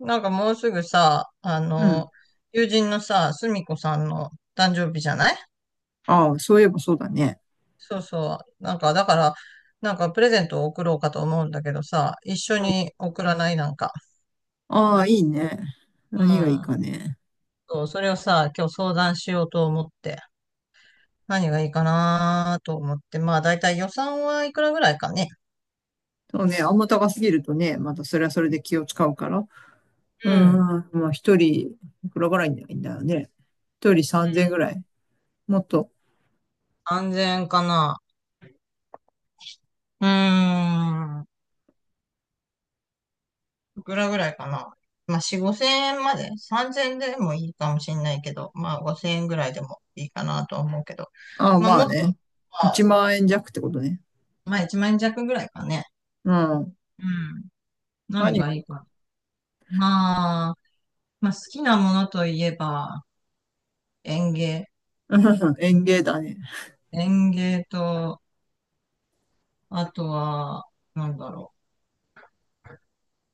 なんかもうすぐさ、うん。友人のさ、すみこさんの誕生日じゃない？ああ、そういえばそうだね。そうそう。なんか、だから、なんかプレゼントを送ろうかと思うんだけどさ、一緒に送らない？なんか。ああ、いいね。う何がいいかん。ね。そう、それをさ、今日相談しようと思って、何がいいかなと思って、まあ、だいたい予算はいくらぐらいかね？そうね、あんま高すぎるとね、またそれはそれで気を使うから。うん。まあ一人、いくらぐらいになるんだよね。一人3000ぐらい。もっと。安全かな。うーん。いくらぐらいかな。まあ、4、5千円まで、3000円でもいいかもしれないけど、まあ、5000円ぐらいでもいいかなと思うけど、ああ、まあ、まあもっと、ね。1あ、万円弱ってことね。まあ、1万円弱ぐらいかね。うん。うん。何何ががいいいいかか、な。まあ、まあ、好きなものといえば、園芸。うん。 園芸だね。園芸と、あとは、なんだろ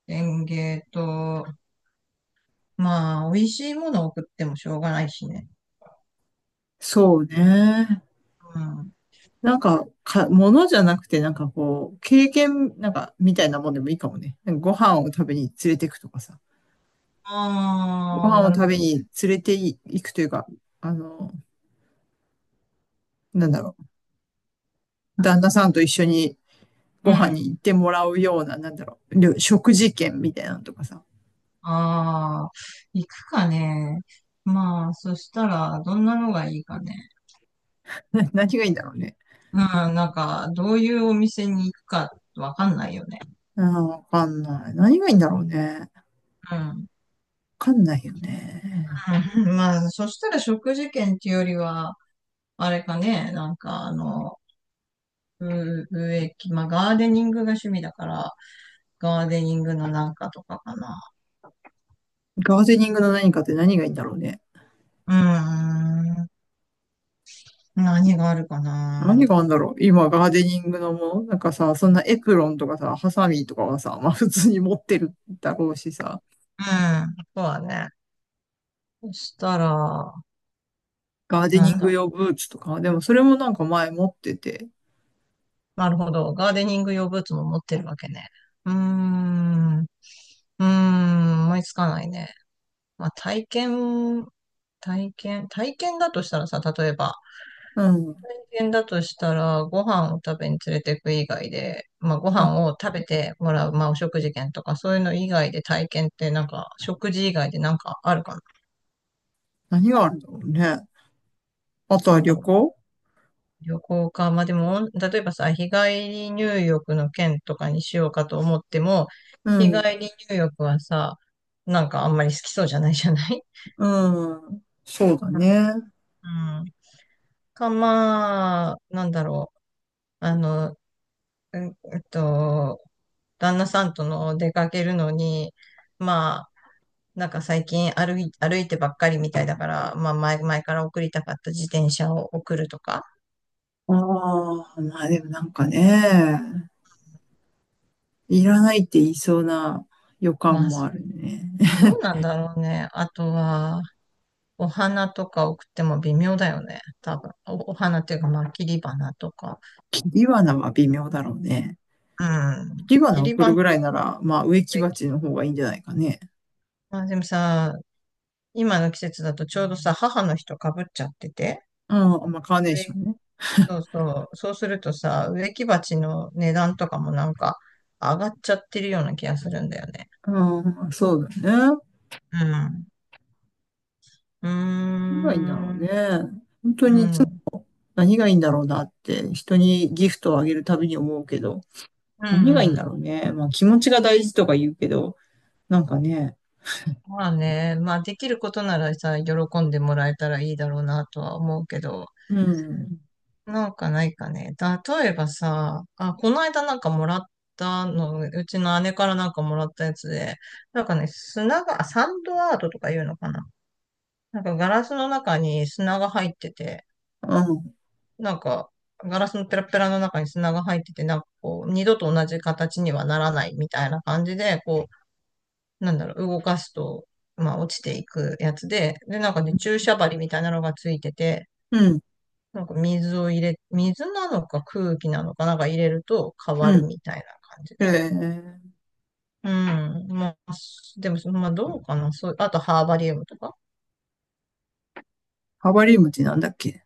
う。園芸と、まあ、美味しいものを送ってもしょうがないしね。そうね。うん。物じゃなくて、なんかこう、経験、なんか、みたいなもんでもいいかもね。なんかご飯を食べに連れてくとかさ。ごああ、飯をなる食ほべどね。に連れて行くというか、あの、なんだろ旦那さんと一緒にごう飯にん。行ってもらうような、なんだろう、食事券みたいなのとかさ。ああ、行くかね。まあ、そしたら、どんなのがいいかね？何がいいんだろうね。うん、なんか、どういうお店に行くかわかんないよね。あー、わかんない。何がいいんだろうね。わうん。うん。 かんないよね。まあ、そしたら食事券っていうよりは、あれかね、なんかあの、植木、まあ、ガーデニングが趣味だから、ガーデニングのなんかとかかな。ガーデニングの何かって何がいいんだろうね。うーん、何があるか何な。があるんだろう今、ガーデニングのものなんかさ、そんなエプロンとかさ、ハサミとかはさ、まあ普通に持ってるだろうしさ、うん、そうだね。そしたら、ガーデなんニングだ用ブーツとか、でもそれもなんか前持ってて、なるほど。ガーデニング用ブーツも持ってるわけね。うーん。うーん。思いつかないね。まあ、体験だとしたらさ、例えば、うん。体験だとしたら、ご飯を食べに連れてく以外で、まあ、ごな飯を食べてもらう、まあ、お食事券とか、そういうの以外で体験って、なんか、食事以外でなんかあるかな。何があるんだろうね。あとまはあ、旅行。旅行か。まあでも、例えばさ、日帰り入浴の件とかにしようかと思っても、う日ん、帰り入浴はさ、なんかあんまり好きそうじゃないじゃない？うん。そうだうね。んうん。まあ、なんだろう。あの、うんえっと、旦那さんとの出かけるのに、まあ、なんか最近歩いてばっかりみたいだから、まあ前から送りたかった自転車を送るとか。ああ、まあでもなんかね、いらないって言いそうな予ま感あ、もあそう、るね。どうなんだろうね。あとは、お花とか送っても微妙だよね。多分。お花っていうか、まあ、切り花とか。ビワナは微妙だろうね。うん。ビワ切ナり送るぐ花、らいなら、まあ植木植木鉢の方がいいんじゃないかね。まあ、でもさ、今の季節だとちょうどさ、母の日とかぶっちゃってて。うん、まあカーネー植ショ木、ンね。そうそう。そうするとさ、植木鉢の値段とかもなんか上がっちゃってるような気がするんだよね。うん、そうだね。うん。うー何がいいんだろうね。ん。本当うにいつん。もうん。何がいいんだろうなって、人にギフトをあげるたびに思うけど。う何がいいんだん、ろうね。まあ気持ちが大事とか言うけど、なんかね、まあね、まあできることならさ、喜んでもらえたらいいだろうなとは思うけど。うん、なんかないかね。例えばさ、あ、この間なんかもらったの、うちの姉からなんかもらったやつで、なんかね、あ、サンドアートとか言うのかな。なんかガラスの中に砂が入ってて、うん、なんかガラスのペラペラの中に砂が入ってて、なんかこう、二度と同じ形にはならないみたいな感じで、こう、なんだろう、動かすと、まあ落ちていくやつで、で、なんかね、注射針みたいなのがついてて、うん、なんか水を入れ、水なのか空気なのかなんか入れると変わうるん。みたいな感じで。えー、うん。まあ、でも、まあどうかな。そう、あとハーバリウムとか。ハバリウムってなんだっけ。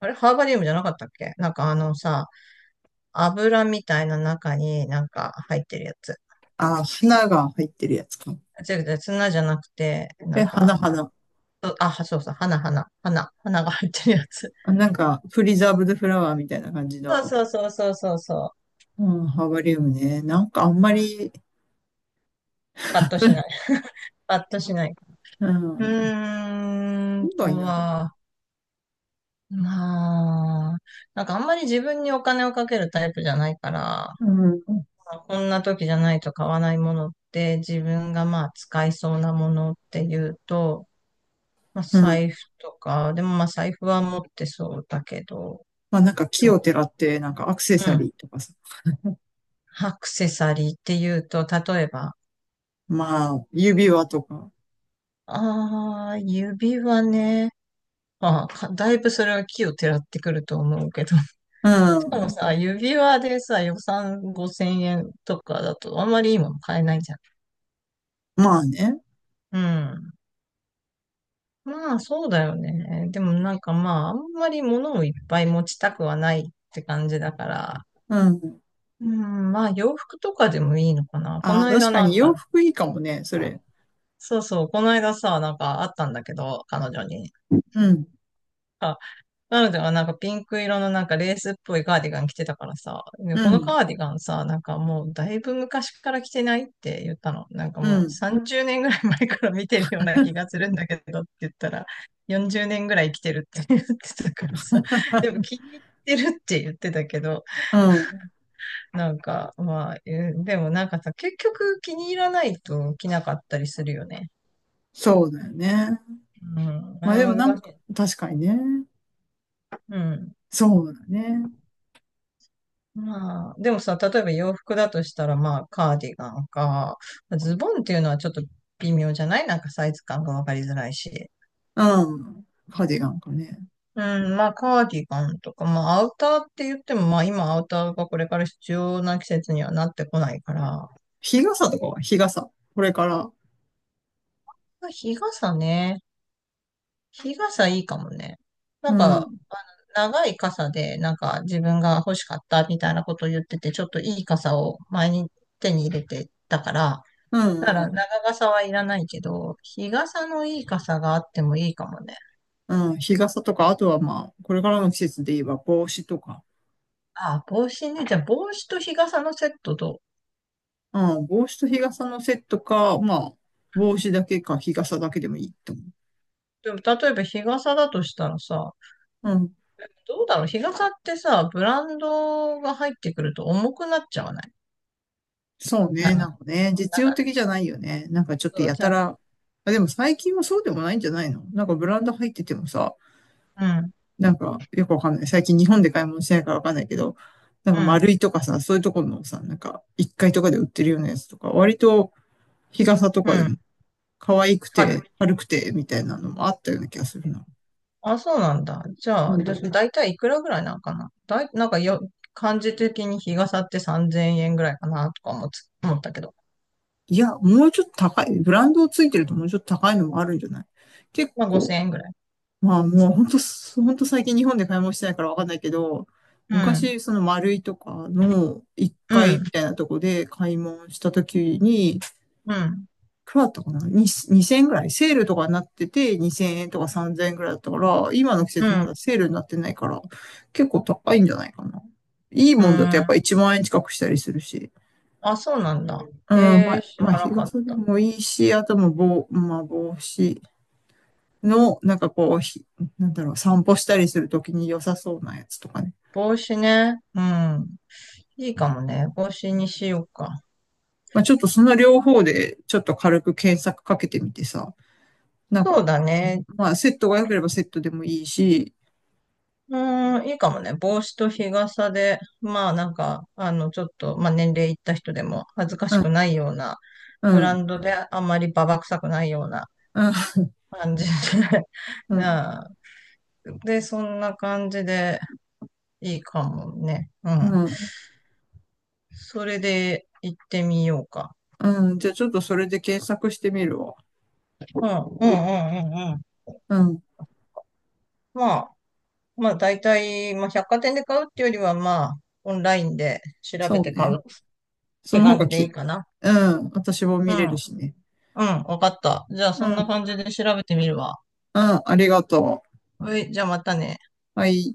あれ、ハーバリウムじゃなかったっけ？なんかあのさ、油みたいな中になんか入ってるやつ。あー、花が入ってるやつか。違う違う、砂じゃなくて、なえ、ん花、か、あ、花。そう、そうそう、花、花、花、花が入ってるやつ。あ、なんか、プリザーブドフラワーみたいな感じ の、そうそうそうそうそうそうん、ハーバリウムね。なんかあんう。まうん。り、パッとしない。パッとしない。ううん、ーん何とがいいんだろは、まあ、なんかあんまり自分にお金をかけるタイプじゃないから、まう。うん、あこんな時じゃないと買わないものって自分がまあ使いそうなものっていうと、まあうん。財布とか、でもまあ財布は持ってそうだけど、まあなんか木をよてらって、なんかアクセうサん、リーとかさ。アクセサリーっていうと、例えば、まあ、指輪とか。ああ、指輪ね。まあ、だいぶそれは木をてらってくると思うけど。しうかもん。さ、指輪でさ、予算5000円とかだとあんまりいいもの買えないじゃん。まあね。うん。まあ、そうだよね。でもなんかまあ、あんまり物をいっぱい持ちたくはないって感じだから。うん。うん、まあ、洋服とかでもいいのかな。こああ、の確間かなんに洋か、服いいかもね、それ。そうそう、この間さ、なんかあったんだけど、彼女に。うん、なので、なんかピンク色のなんかレースっぽいカーディガン着てたからさ、ね、うこのん、カーディガンさ、なんかもうだいぶ昔から着てないって言ったの。なんかうもうん、30年ぐらい前から見てるような気が するんだけどって言ったら、40年ぐらい着てるって言ってたからさ、でも気に入ってるって言ってたけど、うん。なんかまあ、でもなんかさ、結局気に入らないと着なかったりするよね。そうだよね。うん、あまれあでもはなん難しか、い。確かにね。うん。そうだね。まあ、でもさ、例えば洋服だとしたら、まあ、カーディガンか、ズボンっていうのはちょっと微妙じゃない？なんかサイズ感がわかりづらいし。うん。カーディガンかね。うん、まあ、カーディガンとか、まあ、アウターって言っても、まあ、今アウターがこれから必要な季節にはなってこないから、日傘とかは日傘。これから。まあ、日傘ね。日傘いいかもね。なうんん、うか、ん、長い傘で、なんか自分が欲しかったみたいなことを言ってて、ちょっといい傘を前に手に入れてたから、うだからん。長傘はいらないけど、日傘のいい傘があってもいいかもね。うん、日傘とか、あとはまあ、これからの季節で言えば帽子とか。あ、帽子ね。じゃあ帽子と日傘のセットと。うん、帽子と日傘のセットか、まあ、帽子だけか日傘だけでもいいと思でも例えば日傘だとしたらさ、う。どうだろう日傘ってさ、ブランドが入ってくると重くなっちゃわない？そうね、なんなか、んかね、実用的じゃないよね。なんかちょっそとう、やじたゃあ、ら、あ、でも最近はそうでもないんじゃないの、なんかブランド入っててもさ、うん、なんかよくわかんない。最近日本で買い物してないからわかんないけど、なんかうん、丸いとかさ、そういうところのさ、なんか1階とかで売ってるようなやつとか、割と日傘とうかでもん、可愛く軽てい。軽くてみたいなのもあったような気がするな。あ、そうなんだ。じうゃあ、ん。だいたいいくらぐらいなんかなだい、なんかよ、感じ的に日傘って3000円ぐらいかなとか思ったけど。いや、もうちょっと高い。ブランドついてるともうちょっと高いのもあるんじゃない？結まあ構、5000円ぐらい。まあもう本当、本当最近日本で買い物してないからわかんないけど、うん、昔その丸いとかの1う階ん、みたいなとこで買い物した時に、いうん、くらだったかな、に2 0円ぐらいセールとかになってて2000円とか3000円ぐらいだったから、今の季う節まだん、セールになってないから、結構高いんじゃないかな。いいうもんだとやっぱん。1万円近くしたりするし。あ、そうなんだ。うん、まえー、あ、知まあらな日かっ傘でた。もいいし、あともう帽、まあ帽子。の、なんかこう、なんだろう、散歩したりするときに良さそうなやつとかね。帽子ね。うん。いいかもね。帽子にしようか。まあちょっとその両方で、ちょっと軽く検索かけてみてさ、なんそうか、だね。まあセットが良ければセットでもいいし、うん、いいかもね。帽子と日傘で、まあなんか、ちょっと、まあ年齢いった人でも恥ずかしうん、くないような、うブラん、ンドであんまりババ臭くないようなうん、感じで、うん、なあで、そんな感じでいいかもね。ううん。ん、それで行ってみようか。うん。じゃあちょっとそれで検索してみるわ。うん、うん、うん、うん。うん、うん、まあ、まあ、大体、まあ、百貨店で買うっていうよりは、まあ、オンラインで調べそうて買うね。っそての方感がじでいいき、かな。うん、私もう見ん、れるしね。うん、わかった。じゃあ、うそん、うんなん、感じで調べてみるわ。ありがとはい、じゃあまたね。う。はい。